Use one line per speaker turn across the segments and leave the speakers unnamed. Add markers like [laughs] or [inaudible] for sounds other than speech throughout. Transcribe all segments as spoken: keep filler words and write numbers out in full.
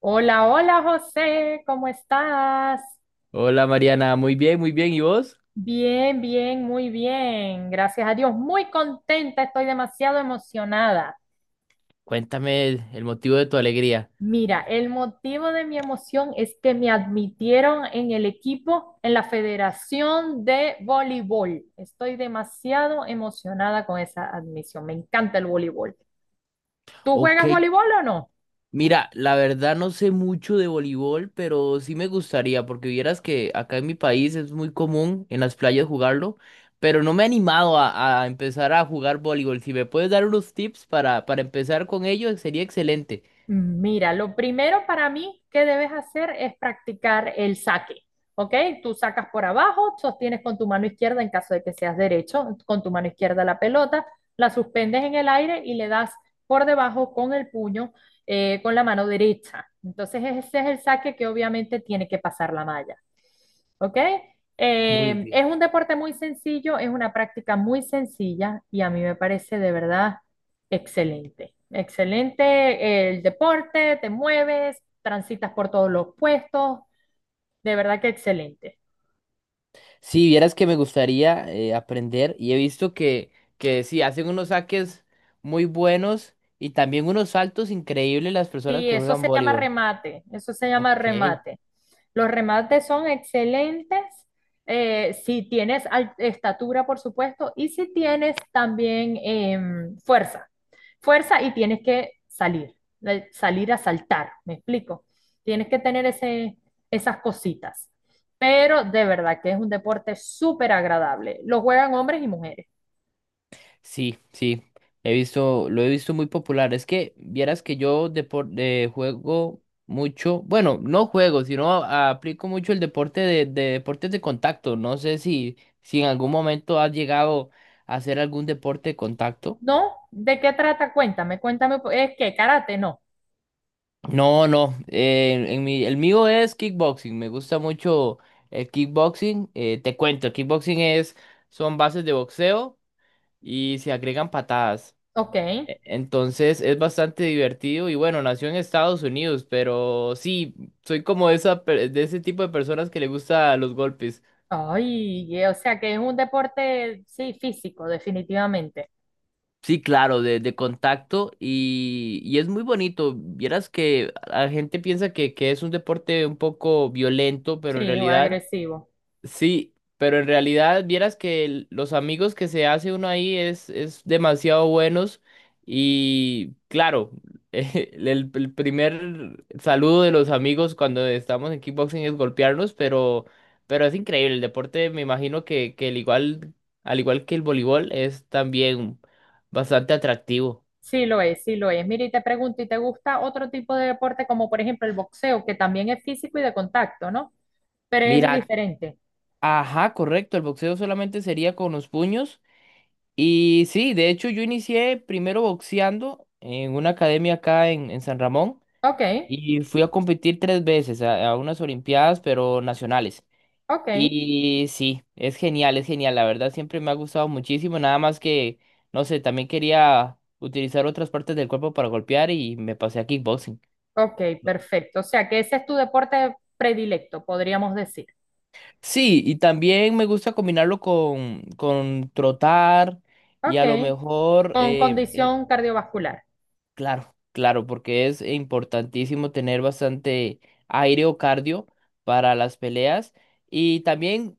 Hola, hola José, ¿cómo estás?
Hola Mariana, muy bien, muy bien. ¿Y vos?
Bien, bien, muy bien. Gracias a Dios, muy contenta, estoy demasiado emocionada.
Cuéntame el, el motivo de tu alegría.
Mira, el motivo de mi emoción es que me admitieron en el equipo, en la Federación de Voleibol. Estoy demasiado emocionada con esa admisión. Me encanta el voleibol. ¿Tú
Ok,
juegas voleibol o no?
mira, la verdad no sé mucho de voleibol, pero sí me gustaría, porque vieras que acá en mi país es muy común en las playas jugarlo, pero no me he animado a, a empezar a jugar voleibol. Si me puedes dar unos tips para, para empezar con ello, sería excelente.
Mm, Mira, lo primero para mí que debes hacer es practicar el saque, ¿ok? Tú sacas por abajo, sostienes con tu mano izquierda en caso de que seas derecho, con tu mano izquierda la pelota, la suspendes en el aire y le das por debajo con el puño, eh, con la mano derecha. Entonces ese es el saque que obviamente tiene que pasar la malla. ¿Ok?
Muy
Eh, es
bien.
un deporte muy sencillo, es una práctica muy sencilla y a mí me parece de verdad excelente, excelente. El deporte, te mueves, transitas por todos los puestos, de verdad que excelente.
Si vieras que me gustaría eh, aprender y he visto que, que sí, hacen unos saques muy buenos y también unos saltos increíbles las personas
Sí,
que
eso
juegan
se llama
voleibol.
remate, eso se llama
Ok.
remate. Los remates son excelentes, eh, si tienes al- estatura, por supuesto, y si tienes también em, fuerza. Fuerza y tienes que salir, eh, salir a saltar, ¿me explico? Tienes que tener ese, esas cositas. Pero de verdad que es un deporte súper agradable. Lo juegan hombres y mujeres.
Sí, sí, he visto, lo he visto muy popular. Es que vieras que yo depor- eh, juego mucho, bueno, no juego, sino a- aplico mucho el deporte de, de deportes de contacto. No sé si, si en algún momento has llegado a hacer algún deporte de contacto.
¿No? ¿De qué trata? Cuéntame, cuéntame. ¿Es que karate? No.
No, no. Eh, en mi, el mío es kickboxing. Me gusta mucho el kickboxing. Eh, te cuento, el kickboxing es, son bases de boxeo y se agregan patadas.
Ok.
E- Entonces es bastante divertido y bueno, nació en Estados Unidos, pero sí, soy como esa, per- de ese tipo de personas que le gusta los golpes.
Ay, eh, o sea que es un deporte, sí, físico, definitivamente.
Sí, claro, de, de contacto y, y es muy bonito. Vieras que la gente piensa que, que es un deporte un poco violento, pero en
Sí, o
realidad…
agresivo.
Sí, pero en realidad vieras que el- los amigos que se hace uno ahí es, es demasiado buenos y claro, [laughs] el, el el primer saludo de los amigos cuando estamos en kickboxing es golpearnos, pero, pero es increíble. El deporte me imagino que, que el igual, al igual que el voleibol es también bastante atractivo.
Sí lo es, sí lo es. Mira, y te pregunto, ¿y te gusta otro tipo de deporte como por ejemplo el boxeo, que también es físico y de contacto, ¿no? Pero es
Mira,
diferente.
ajá, correcto, el boxeo solamente sería con los puños. Y sí, de hecho yo inicié primero boxeando en una academia acá en, en San Ramón
Ok,
y fui a competir tres veces a, a unas olimpiadas, pero nacionales.
ok,
Y sí, es genial, es genial, la verdad siempre me ha gustado muchísimo, nada más que, no sé, también quería utilizar otras partes del cuerpo para golpear y me pasé a kickboxing.
ok, perfecto. O sea que ese es tu deporte predilecto, podríamos decir.
Sí, y también me gusta combinarlo con, con trotar y
Ok,
a lo mejor…
con
eh,
condición cardiovascular.
Claro, claro, porque es importantísimo tener bastante aire o cardio para las peleas. Y también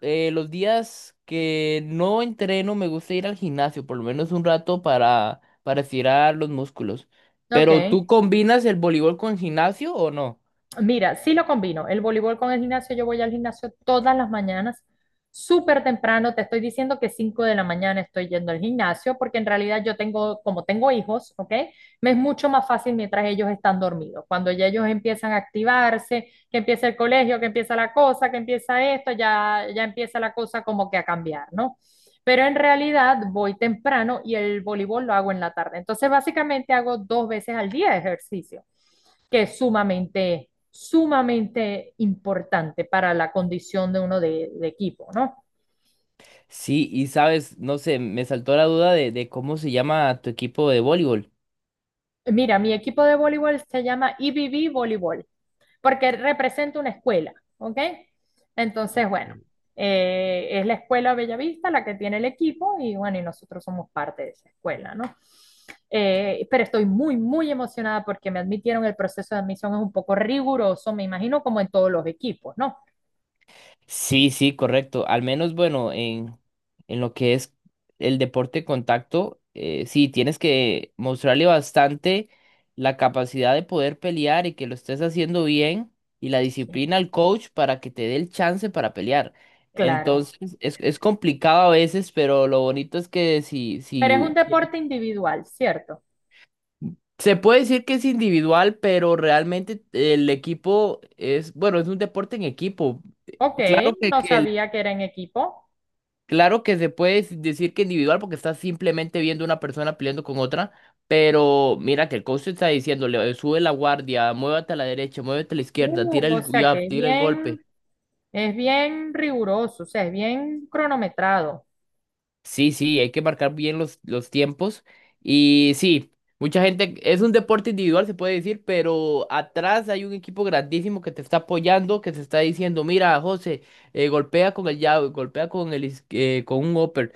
eh, los días que no entreno me gusta ir al gimnasio, por lo menos un rato para, para estirar los músculos.
Ok,
Pero ¿tú combinas el voleibol con gimnasio o no?
mira, sí lo combino. El voleibol con el gimnasio, yo voy al gimnasio todas las mañanas, súper temprano. Te estoy diciendo que cinco de la mañana estoy yendo al gimnasio, porque en realidad yo tengo, como tengo hijos, ¿ok? Me es mucho más fácil mientras ellos están dormidos. Cuando ya ellos empiezan a activarse, que empieza el colegio, que empieza la cosa, que empieza esto, ya, ya empieza la cosa como que a cambiar, ¿no? Pero en realidad voy temprano y el voleibol lo hago en la tarde. Entonces, básicamente hago dos veces al día ejercicio que es sumamente, sumamente importante para la condición de uno de, de equipo, ¿no?
Sí, y sabes, no sé, me saltó la duda de, de cómo se llama tu equipo de voleibol.
Mira, mi equipo de voleibol se llama I B B Voleibol, porque representa una escuela, ¿ok? Entonces, bueno, eh, es la escuela Bellavista la que tiene el equipo y bueno, y nosotros somos parte de esa escuela, ¿no? Eh, pero estoy muy, muy emocionada porque me admitieron, el proceso de admisión es un poco riguroso, me imagino, como en todos los equipos, ¿no?
Sí, sí, correcto. Al menos, bueno, en, en lo que es el deporte de contacto, eh, sí, tienes que mostrarle bastante la capacidad de poder pelear y que lo estés haciendo bien y la
Sí,
disciplina al coach para que te dé el chance para pelear.
claro.
Entonces, es, es complicado a veces, pero lo bonito es que si,
Pero es un
si
deporte individual, ¿cierto?
se puede decir que es individual, pero realmente el equipo es, bueno, es un deporte en equipo.
Ok,
Claro que,
no
que el.
sabía que era en equipo.
Claro que se puede decir que individual porque estás simplemente viendo una persona peleando con otra, pero mira que el coach te está diciéndole, sube la guardia, muévete a la derecha, muévete a la izquierda, tira
Uh, o
el, gu-
sea
ya,
que es
tira el
bien,
golpe.
es bien riguroso, o sea, es bien cronometrado.
Sí, sí, hay que marcar bien los, los tiempos. Y sí, mucha gente, es un deporte individual, se puede decir, pero atrás hay un equipo grandísimo que te está apoyando, que te está diciendo, mira, José, eh, golpea con el jab, golpea con el, is- eh, con un upper.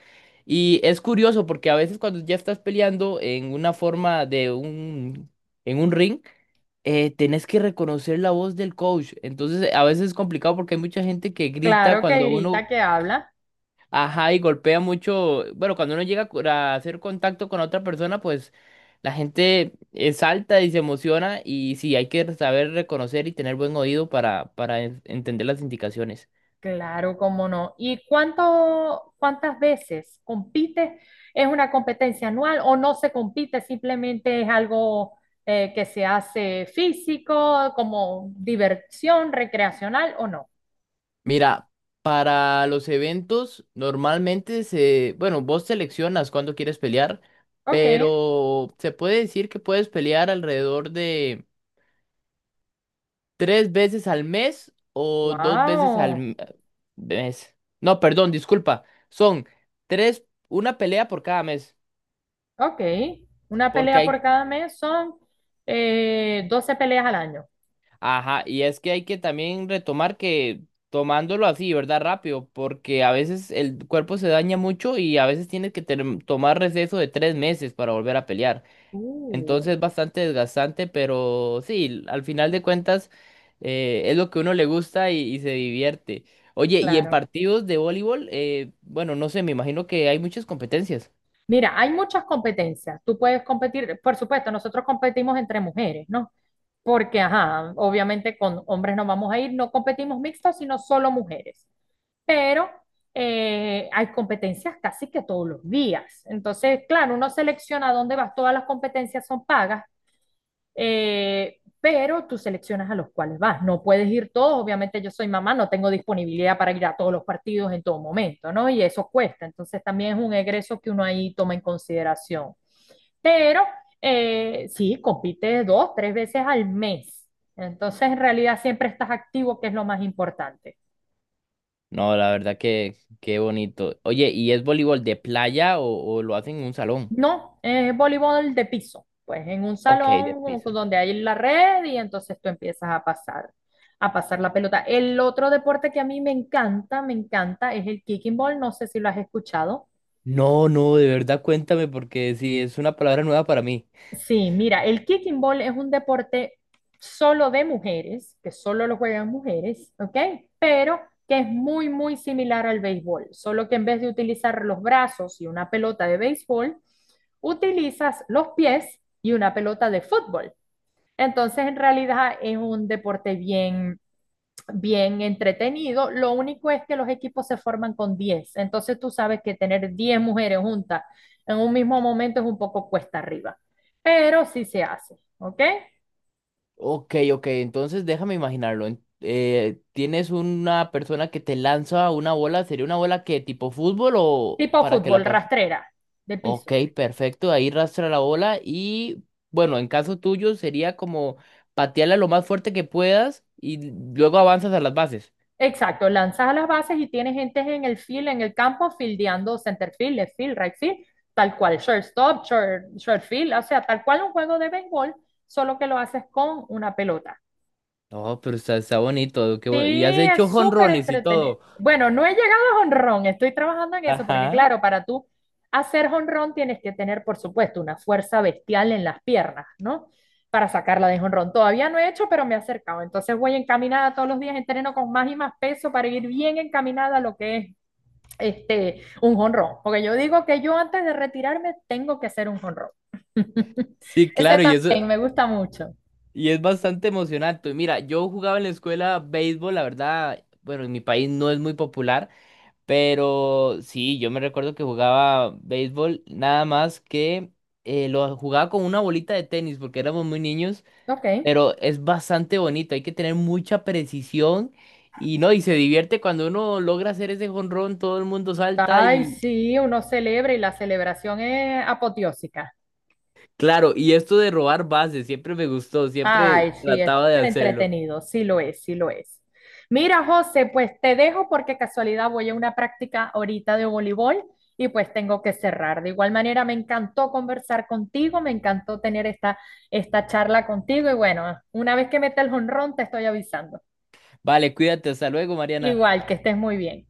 Y es curioso porque a veces cuando ya estás peleando en una forma de un, en un ring, eh, tenés que reconocer la voz del coach. Entonces, a veces es complicado porque hay mucha gente que grita
Claro que
cuando
grita,
uno.
que habla.
Ajá, y golpea mucho. Bueno, cuando uno llega a cu- a hacer contacto con otra persona, pues la gente eh, salta y se emociona y sí, hay que saber reconocer y tener buen oído para, para en- entender las indicaciones.
Claro, cómo no. ¿Y cuánto, cuántas veces compite? ¿Es una competencia anual o no se compite? Simplemente es algo eh, que se hace físico, como diversión recreacional o no.
Mira, para los eventos normalmente se, bueno, vos seleccionas cuándo quieres pelear,
Ok,
pero se puede decir que puedes pelear alrededor de… ¿Tres veces al mes o dos veces al
wow.
m- mes? No, perdón, disculpa. Son tres, una pelea por cada mes.
Ok, una
Porque
pelea
hay,
por cada mes son, eh, doce peleas al año.
ajá, y es que hay que también retomar que tomándolo así, ¿verdad? Rápido, porque a veces el cuerpo se daña mucho y a veces tienes que tener- tomar receso de tres meses para volver a pelear.
Uh,
Entonces es bastante desgastante, pero sí, al final de cuentas eh, es lo que uno le gusta y, y se divierte. Oye, y en
Claro.
partidos de voleibol, eh, bueno, no sé, me imagino que hay muchas competencias.
Mira, hay muchas competencias. Tú puedes competir, por supuesto, nosotros competimos entre mujeres, ¿no? Porque, ajá, obviamente con hombres no vamos a ir, no competimos mixtos, sino solo mujeres. Pero eh, hay competencias casi que todos los días. Entonces, claro, uno selecciona dónde vas, todas las competencias son pagas, eh, pero tú seleccionas a los cuales vas. No puedes ir todos, obviamente yo soy mamá, no tengo disponibilidad para ir a todos los partidos en todo momento, ¿no? Y eso cuesta, entonces también es un egreso que uno ahí toma en consideración. Pero eh, sí, compites dos, tres veces al mes. Entonces, en realidad siempre estás activo, que es lo más importante.
No, la verdad que qué bonito. Oye, ¿y es voleibol de playa o, o lo hacen en un salón?
No, es voleibol de piso, pues en un
Ok, de
salón como que
piso.
donde hay la red y entonces tú empiezas a pasar, a pasar la pelota. El otro deporte que a mí me encanta, me encanta, es el kicking ball, no sé si lo has escuchado.
No, no, de verdad cuéntame porque sí, es una palabra nueva para mí.
Sí, mira, el kicking ball es un deporte solo de mujeres, que solo lo juegan mujeres, ¿ok? Pero que es muy, muy similar al béisbol, solo que en vez de utilizar los brazos y una pelota de béisbol, utilizas los pies y una pelota de fútbol. Entonces, en realidad es un deporte bien, bien entretenido. Lo único es que los equipos se forman con diez. Entonces, tú sabes que tener diez mujeres juntas en un mismo momento es un poco cuesta arriba. Pero sí se hace, ¿ok?
Ok, ok, entonces déjame imaginarlo. En- eh, ¿tienes una persona que te lanza una bola? ¿Sería una bola que tipo fútbol o
Tipo
para que
fútbol,
la… pa-
rastrera, de
Ok,
piso.
perfecto, ahí rastra la bola y bueno, en caso tuyo sería como patearla lo más fuerte que puedas y luego avanzas a las bases.
Exacto, lanzas a las bases y tienes gente en el field, en el campo, fildeando center field, left field, right field, tal cual, shortstop, short, short field, o sea, tal cual un juego de béisbol, solo que lo haces con una pelota.
No, pero está, está bonito, qué
Sí,
bu- y has hecho
es súper
jonrones y
entretenido.
todo.
Bueno, no he llegado a jonrón, estoy trabajando en eso, porque
Ajá,
claro, para tú hacer jonrón tienes que tener, por supuesto, una fuerza bestial en las piernas, ¿no? Para sacarla de jonrón. Todavía no he hecho, pero me he acercado. Entonces voy encaminada todos los días, entreno con más y más peso para ir bien encaminada a lo que es este, un jonrón. Porque yo digo que yo antes de retirarme tengo que hacer un jonrón. [laughs]
sí,
Ese
claro, y eso,
también me gusta mucho.
y es bastante emocionante. Mira, yo jugaba en la escuela béisbol, la verdad, bueno, en mi país no es muy popular, pero sí, yo me recuerdo que jugaba béisbol, nada más que eh, lo jugaba con una bolita de tenis porque éramos muy niños,
Ok.
pero es bastante bonito, hay que tener mucha precisión y no, y se divierte cuando uno logra hacer ese jonrón, todo el mundo salta
Ay,
y
sí, uno celebra y la celebración es apoteósica.
claro, y esto de robar bases, siempre me gustó, siempre
Ay, sí, es
trataba de
súper
hacerlo.
entretenido, sí lo es, sí lo es. Mira, José, pues te dejo porque casualidad voy a una práctica ahorita de voleibol y pues tengo que cerrar. De igual manera, me encantó conversar contigo, me encantó tener esta, esta charla contigo y bueno, una vez que meta el jonrón te estoy avisando.
Vale, cuídate, hasta luego, Mariana.
Igual, que estés muy bien.